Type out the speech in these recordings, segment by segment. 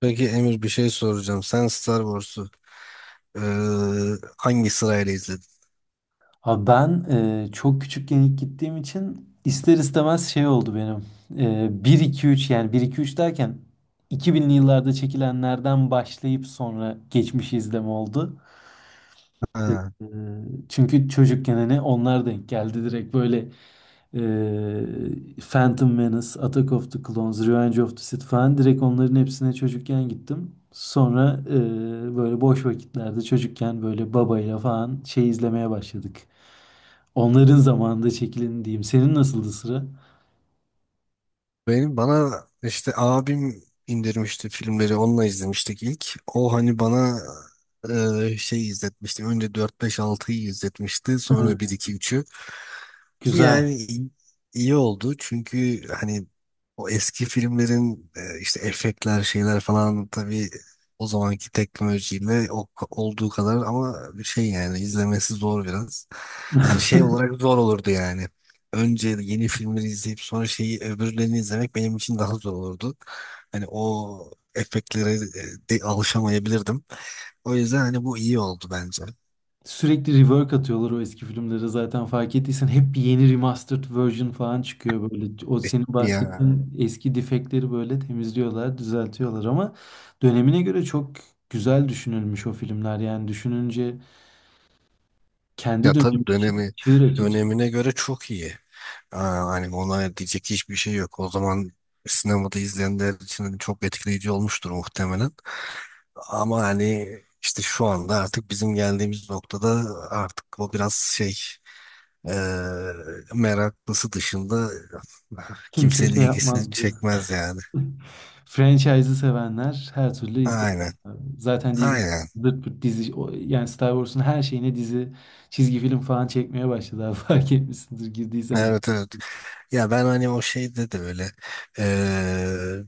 Peki Emir bir şey soracağım. Sen Star Wars'u hangi sırayla izledin? Abi ben çok küçükken ilk gittiğim için ister istemez şey oldu benim. 1-2-3 yani bir iki üç derken 2000'li yıllarda çekilenlerden başlayıp sonra geçmişi izleme oldu. Ha. E, Çünkü çocukken hani onlar denk geldi direkt böyle Phantom Menace, Attack of the Clones, Revenge of the Sith falan direkt onların hepsine çocukken gittim. Sonra böyle boş vakitlerde çocukken böyle babayla falan şey izlemeye başladık. Onların zamanında çekileni diyeyim. Senin nasıldı sıra? Benim bana işte abim indirmişti filmleri, onunla izlemiştik ilk. O hani bana şey izletmişti. Önce dört beş altıyı izletmişti. Hmm. Sonra bir iki 3'ü. Ki Güzel. yani iyi, iyi oldu çünkü hani o eski filmlerin işte efektler şeyler falan, tabii o zamanki teknolojiyle o, olduğu kadar, ama bir şey yani izlemesi zor biraz. Hani şey olarak zor olurdu yani. Önce yeni filmleri izleyip sonra şeyi öbürlerini izlemek benim için daha zor olurdu. Hani o efektlere de alışamayabilirdim. O yüzden hani bu iyi oldu bence. Sürekli rework atıyorlar o eski filmlere zaten fark ettiysen hep bir yeni remastered version falan çıkıyor böyle. O senin Ya bahsettiğin eski defektleri böyle temizliyorlar, düzeltiyorlar ama dönemine göre çok güzel düşünülmüş o filmler. Yani düşününce kendi ya dönemi tabii için dönemi çığır açıcı. dönemine göre çok iyi. Aa, hani ona diyecek hiçbir şey yok. O zaman sinemada izleyenler için hani çok etkileyici olmuştur muhtemelen. Ama hani işte şu anda artık bizim geldiğimiz noktada artık o biraz şey, eee, meraklısı dışında Kimse kimsenin şey ilgisini yapmazdı. çekmez yani. Franchise'ı sevenler her türlü izler. Aynen. Zaten Disney Aynen. zırt pırt dizi yani Star Wars'un her şeyine dizi, çizgi film falan çekmeye başladı abi fark etmişsindir girdiysen. Evet, evet. Ya ben hani o şeyde de öyle. e,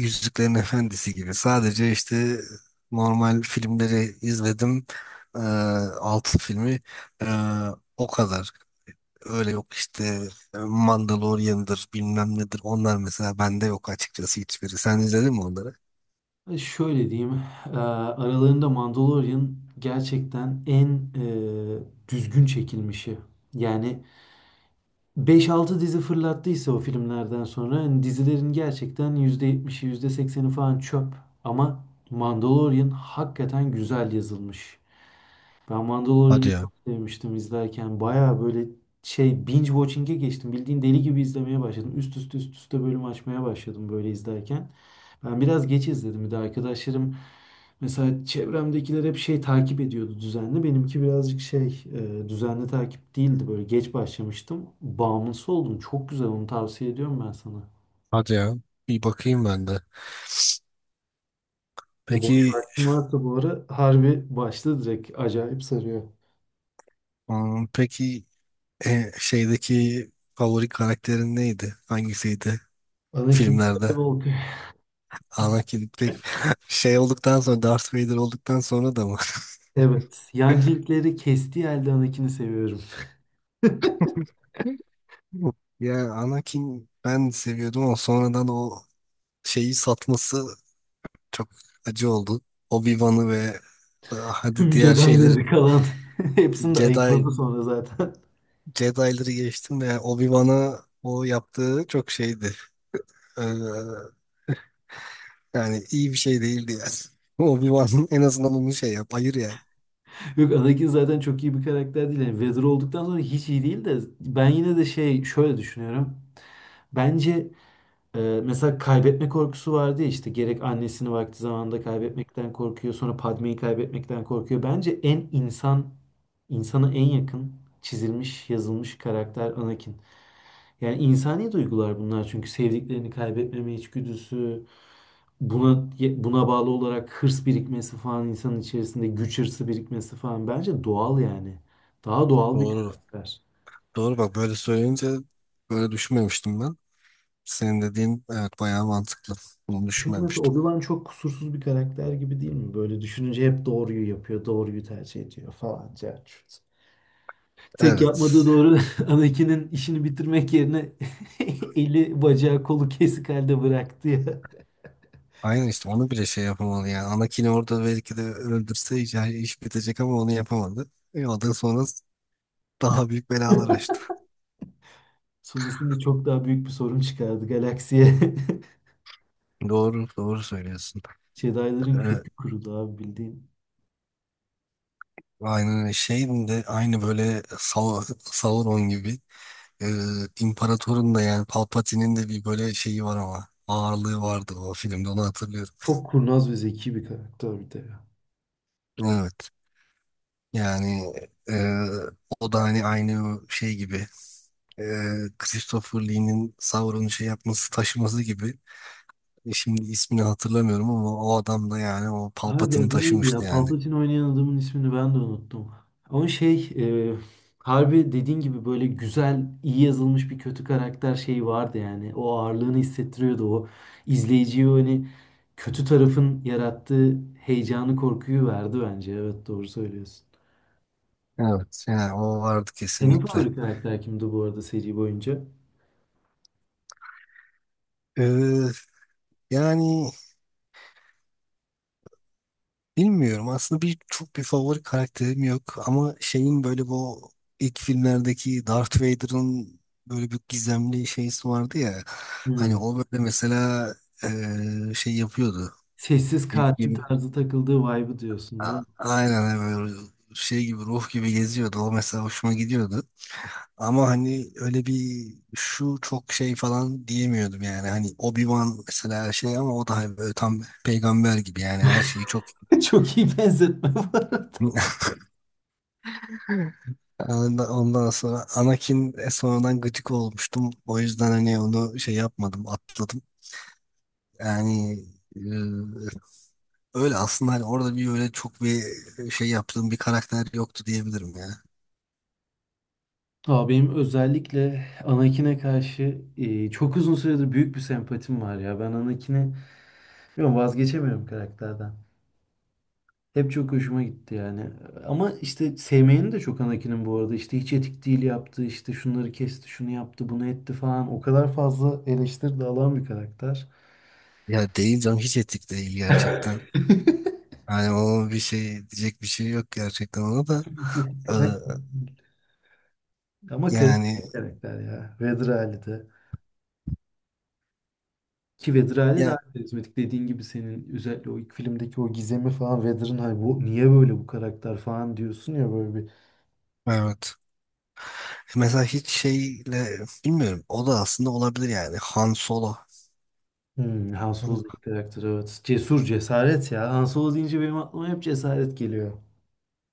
Yüzüklerin Efendisi gibi. Sadece işte normal filmleri izledim. Ee, altı filmi, Ee, o kadar. Öyle yok işte Mandalorian'dır bilmem nedir. Onlar mesela bende yok açıkçası, hiçbiri. Sen izledin mi onları? Şöyle diyeyim, aralarında Mandalorian gerçekten en düzgün çekilmişi. Yani beş altı dizi fırlattıysa o filmlerden sonra hani dizilerin gerçekten yüzde yetmişi, yüzde sekseni falan çöp. Ama Mandalorian hakikaten güzel yazılmış. Ben Hadi Mandalorian'ı ya. çok sevmiştim izlerken. Baya böyle şey binge watching'e geçtim. Bildiğin deli gibi izlemeye başladım. Üst üste üst üste bölüm açmaya başladım böyle izlerken. Ben biraz geç izledim. Bir de arkadaşlarım mesela çevremdekiler hep şey takip ediyordu düzenli. Benimki birazcık şey düzenli takip değildi. Böyle geç başlamıştım. Bağımlısı oldum. Çok güzel onu tavsiye ediyorum ben sana. Hadi ya. Bir bakayım ben de. Ya boş Peki vaktin varsa bu ara harbi başla direkt. Acayip sarıyor. ım, peki şeydeki favori karakterin neydi? Hangisiydi Anakin filmlerde? Skywalker. Anakin pek şey olduktan sonra, Darth Vader olduktan sonra da mı? Evet. Youngling'leri kestiği halde Anakin'i seviyorum. Yok. Ya Anakin ben seviyordum ama sonradan o şeyi satması çok acı oldu. Obi-Wan'ı ve hadi Tüm diğer şeyleri. Jedi'ları kalan. Hepsini de ayıkladı Jedi sonra zaten. Jedi'ları geçtim de, yani Obi-Wan'a o yaptığı çok şeydi. Ee, yani iyi bir şey değildi yani. Obi-Wan en azından onu şey yap, ayır yani. Yok, Anakin zaten çok iyi bir karakter değil. Yani Vader olduktan sonra hiç iyi değil de ben yine de şey şöyle düşünüyorum. Bence mesela kaybetme korkusu vardı ya işte gerek annesini vakti zamanında kaybetmekten korkuyor sonra Padme'yi kaybetmekten korkuyor. Bence en insana en yakın çizilmiş yazılmış karakter Anakin. Yani insani duygular bunlar çünkü sevdiklerini kaybetmeme içgüdüsü, buna buna bağlı olarak hırs birikmesi falan insanın içerisinde güç hırsı birikmesi falan bence doğal yani. Daha doğal bir Doğru. karakter. Doğru, bak böyle söyleyince böyle düşünmemiştim ben. Senin dediğin evet bayağı mantıklı. Bunu Çünkü mesela düşünmemiştim. Obi-Wan çok kusursuz bir karakter gibi değil mi? Böyle düşününce hep doğruyu yapıyor, doğruyu tercih ediyor falan. Cart Tek yapmadığı Evet. doğru Anakin'in işini bitirmek yerine eli bacağı kolu kesik halde bıraktı ya. Aynen işte onu bile şey yapamadı yani. Anakin'i orada belki de öldürse hiç- yani iş bitecek ama onu yapamadı. O da sonra daha büyük belalar açtı. Sonrasında çok daha büyük bir sorun çıkardı galaksiye. Doğru, doğru söylüyorsun. Jedi'ların E, kökü kurudu abi bildiğin. aynen şeyin de aynı, böyle Sauron gibi e, imparatorun da yani Palpatine'in de bir böyle şeyi var, ama ağırlığı vardı o filmde, onu hatırlıyorum. Çok kurnaz ve zeki bir karakter bir de ya. Evet. Yani e, o da hani aynı şey gibi e, Christopher Lee'nin Sauron'u şey yapması, taşıması gibi. Şimdi ismini hatırlamıyorum ama o adam da yani o Abi Palpatine'i adı neydi taşımıştı ya? yani. Palpatine oynayan adamın ismini ben de unuttum. Ama şey e, harbi dediğin gibi böyle güzel, iyi yazılmış bir kötü karakter şeyi vardı yani. O ağırlığını hissettiriyordu. O izleyiciye hani kötü tarafın yarattığı heyecanı, korkuyu verdi bence. Evet, doğru söylüyorsun. Evet. Yani o vardı Senin kesinlikle. favori karakter kimdi bu arada seri boyunca? Ee, yani bilmiyorum aslında, bir favori karakterim yok ama şeyin böyle bu ilk filmlerdeki Darth Vader'ın böyle bir gizemli şeysi vardı ya, hani Hmm. o böyle mesela şey yapıyordu Sessiz ilk katil gibi. tarzı takıldığı vibe'ı diyorsun A- değil aynen böyle şey gibi, ruh gibi geziyordu o, mesela hoşuma gidiyordu. Ama hani öyle bir şu çok şey falan diyemiyordum yani. Hani Obi-Wan mesela şey, ama o da hani böyle tam peygamber gibi yani, her şeyi çok. mi? Çok iyi benzetme bu arada. Ondan sonra Anakin sonradan gıcık olmuştum. O yüzden hani onu şey yapmadım, atladım. Yani e, öyle aslında, hani orada bir öyle çok bir şey yaptığım bir karakter yoktu diyebilirim ya. Aa, benim özellikle Anakin'e karşı çok uzun süredir büyük bir sempatim var ya. Ben Anakin'e bilmiyorum, vazgeçemiyorum karakterden. Hep çok hoşuma gitti yani. Ama işte sevmeyeni de çok Anakin'in bu arada. İşte hiç etik değil yaptı, işte şunları kesti, şunu yaptı, bunu etti falan. O kadar fazla eleştiri de alan bir karakter. Ya değil canım, hiç etik değil gerçekten. Yani o bir şey, diyecek bir şey yok gerçekten ona da. Hiç etik Ee, karakter. Ama Yani karizmatik karakter ya. Vedir Ali de. Ki Vedir Ali daha ya karizmatik. Dediğin gibi senin özellikle o ilk filmdeki o gizemi falan Vedir'in hani bu niye böyle bu karakter falan diyorsun ya böyle bir evet. Mesela hiç şeyle bilmiyorum. O da aslında olabilir yani. Han Solo. hmm, Han Solo karakter evet. Cesur cesaret ya. Han Solo deyince benim aklıma hep cesaret geliyor.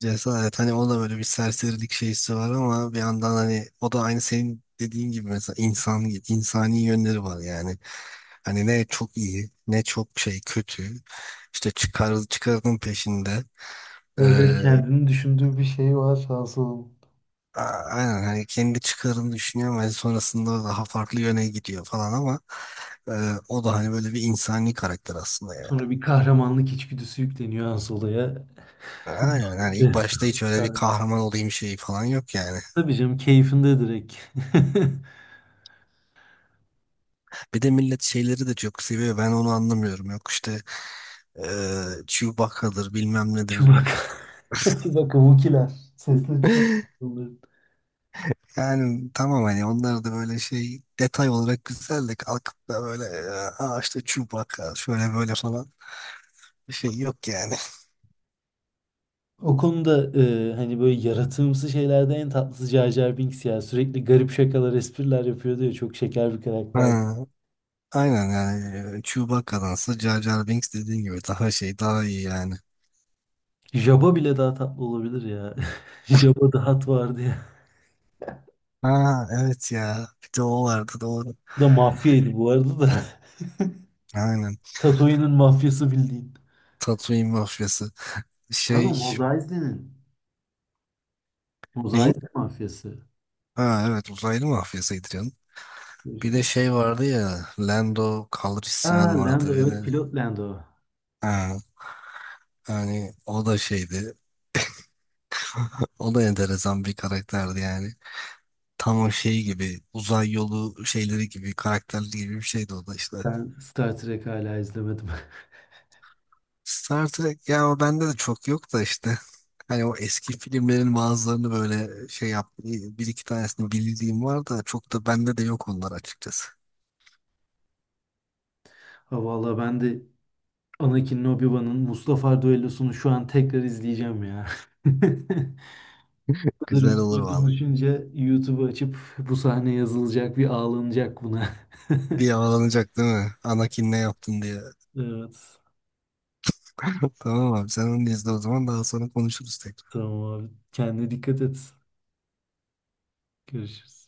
Cesaret, hani o da böyle bir serserilik şeysi var ama bir yandan hani o da aynı senin dediğin gibi mesela insani yönleri var yani. Hani ne çok iyi ne çok şey kötü. İşte çıkarın peşinde. Evet, evet, kendini düşündüğü bir şey var Han Solo'nun. Aynen hani kendi çıkarını düşünüyor ama sonrasında daha farklı yöne gidiyor falan ama e, o da hani böyle bir insani karakter aslında yani. Sonra bir kahramanlık içgüdüsü yükleniyor Han Solo'ya. Aynen yani ilk başta Destan. hiç öyle bir kahraman olayım şeyi falan yok yani. Tabii canım, keyfinde direkt. Bir de millet şeyleri de çok seviyor, ben onu anlamıyorum. Yok işte e, Chewbacca'dır bilmem nedir. Chewbacca. Chewbacca Wookiee'ler. Sesleri çok tatlı. Yani tamam hani onlar da böyle şey detay olarak güzel de, kalkıp da böyle aa işte Chewbacca şöyle böyle falan, bir şey yok yani. O konuda hani böyle yaratığımsı şeylerde en tatlısı Jar Jar Binks ya. Sürekli garip şakalar, espriler yapıyordu ya. Çok şeker bir karakter. Ha. Aynen yani Chewbacca'dansa Jar Jar Binks dediğin gibi daha şey, daha iyi yani. Jabba bile daha tatlı olabilir ya. Jabba'da hat vardı ya. Ha, evet ya bir de o vardı, doğru. Bu da mafyaydı bu arada da. Aynen. Tatooine'in mafyası bildiğin. Tatooine mafyası. Pardon, Şey, Mos Eisley'nin. Mos neyin? Eisley mafyası. Ha, evet uzaylı mafyasıydı canım. Tabii Bir de canım. şey vardı ya, Lando Aa, Calrissian vardı Lando, evet, öyle. pilot Lando. Ha, yani o da şeydi. O da enteresan bir karakterdi yani. Tam o şey gibi, uzay yolu şeyleri gibi karakterli gibi bir şeydi o da işte. Ben Star Trek hala izlemedim. Star Trek ya, o bende de çok yok da işte. Hani o eski filmlerin bazılarını böyle şey yap, bir iki tanesini bildiğim var da çok da bende de yok onlar açıkçası. Ha valla ben de Anakin Obi-Wan'ın Mustafar düellosunu şu an tekrar izleyeceğim ya. kadar Güzel olur üstüne valla. konuşunca YouTube'u açıp bu sahne yazılacak, bir ağlanacak buna. Bir havalanacak değil mi? Anakin ne yaptın diye. Evet. Tamam abi, sen onu izle o zaman, daha sonra konuşuruz tekrar. Tamam abi. Kendine dikkat et. Görüşürüz.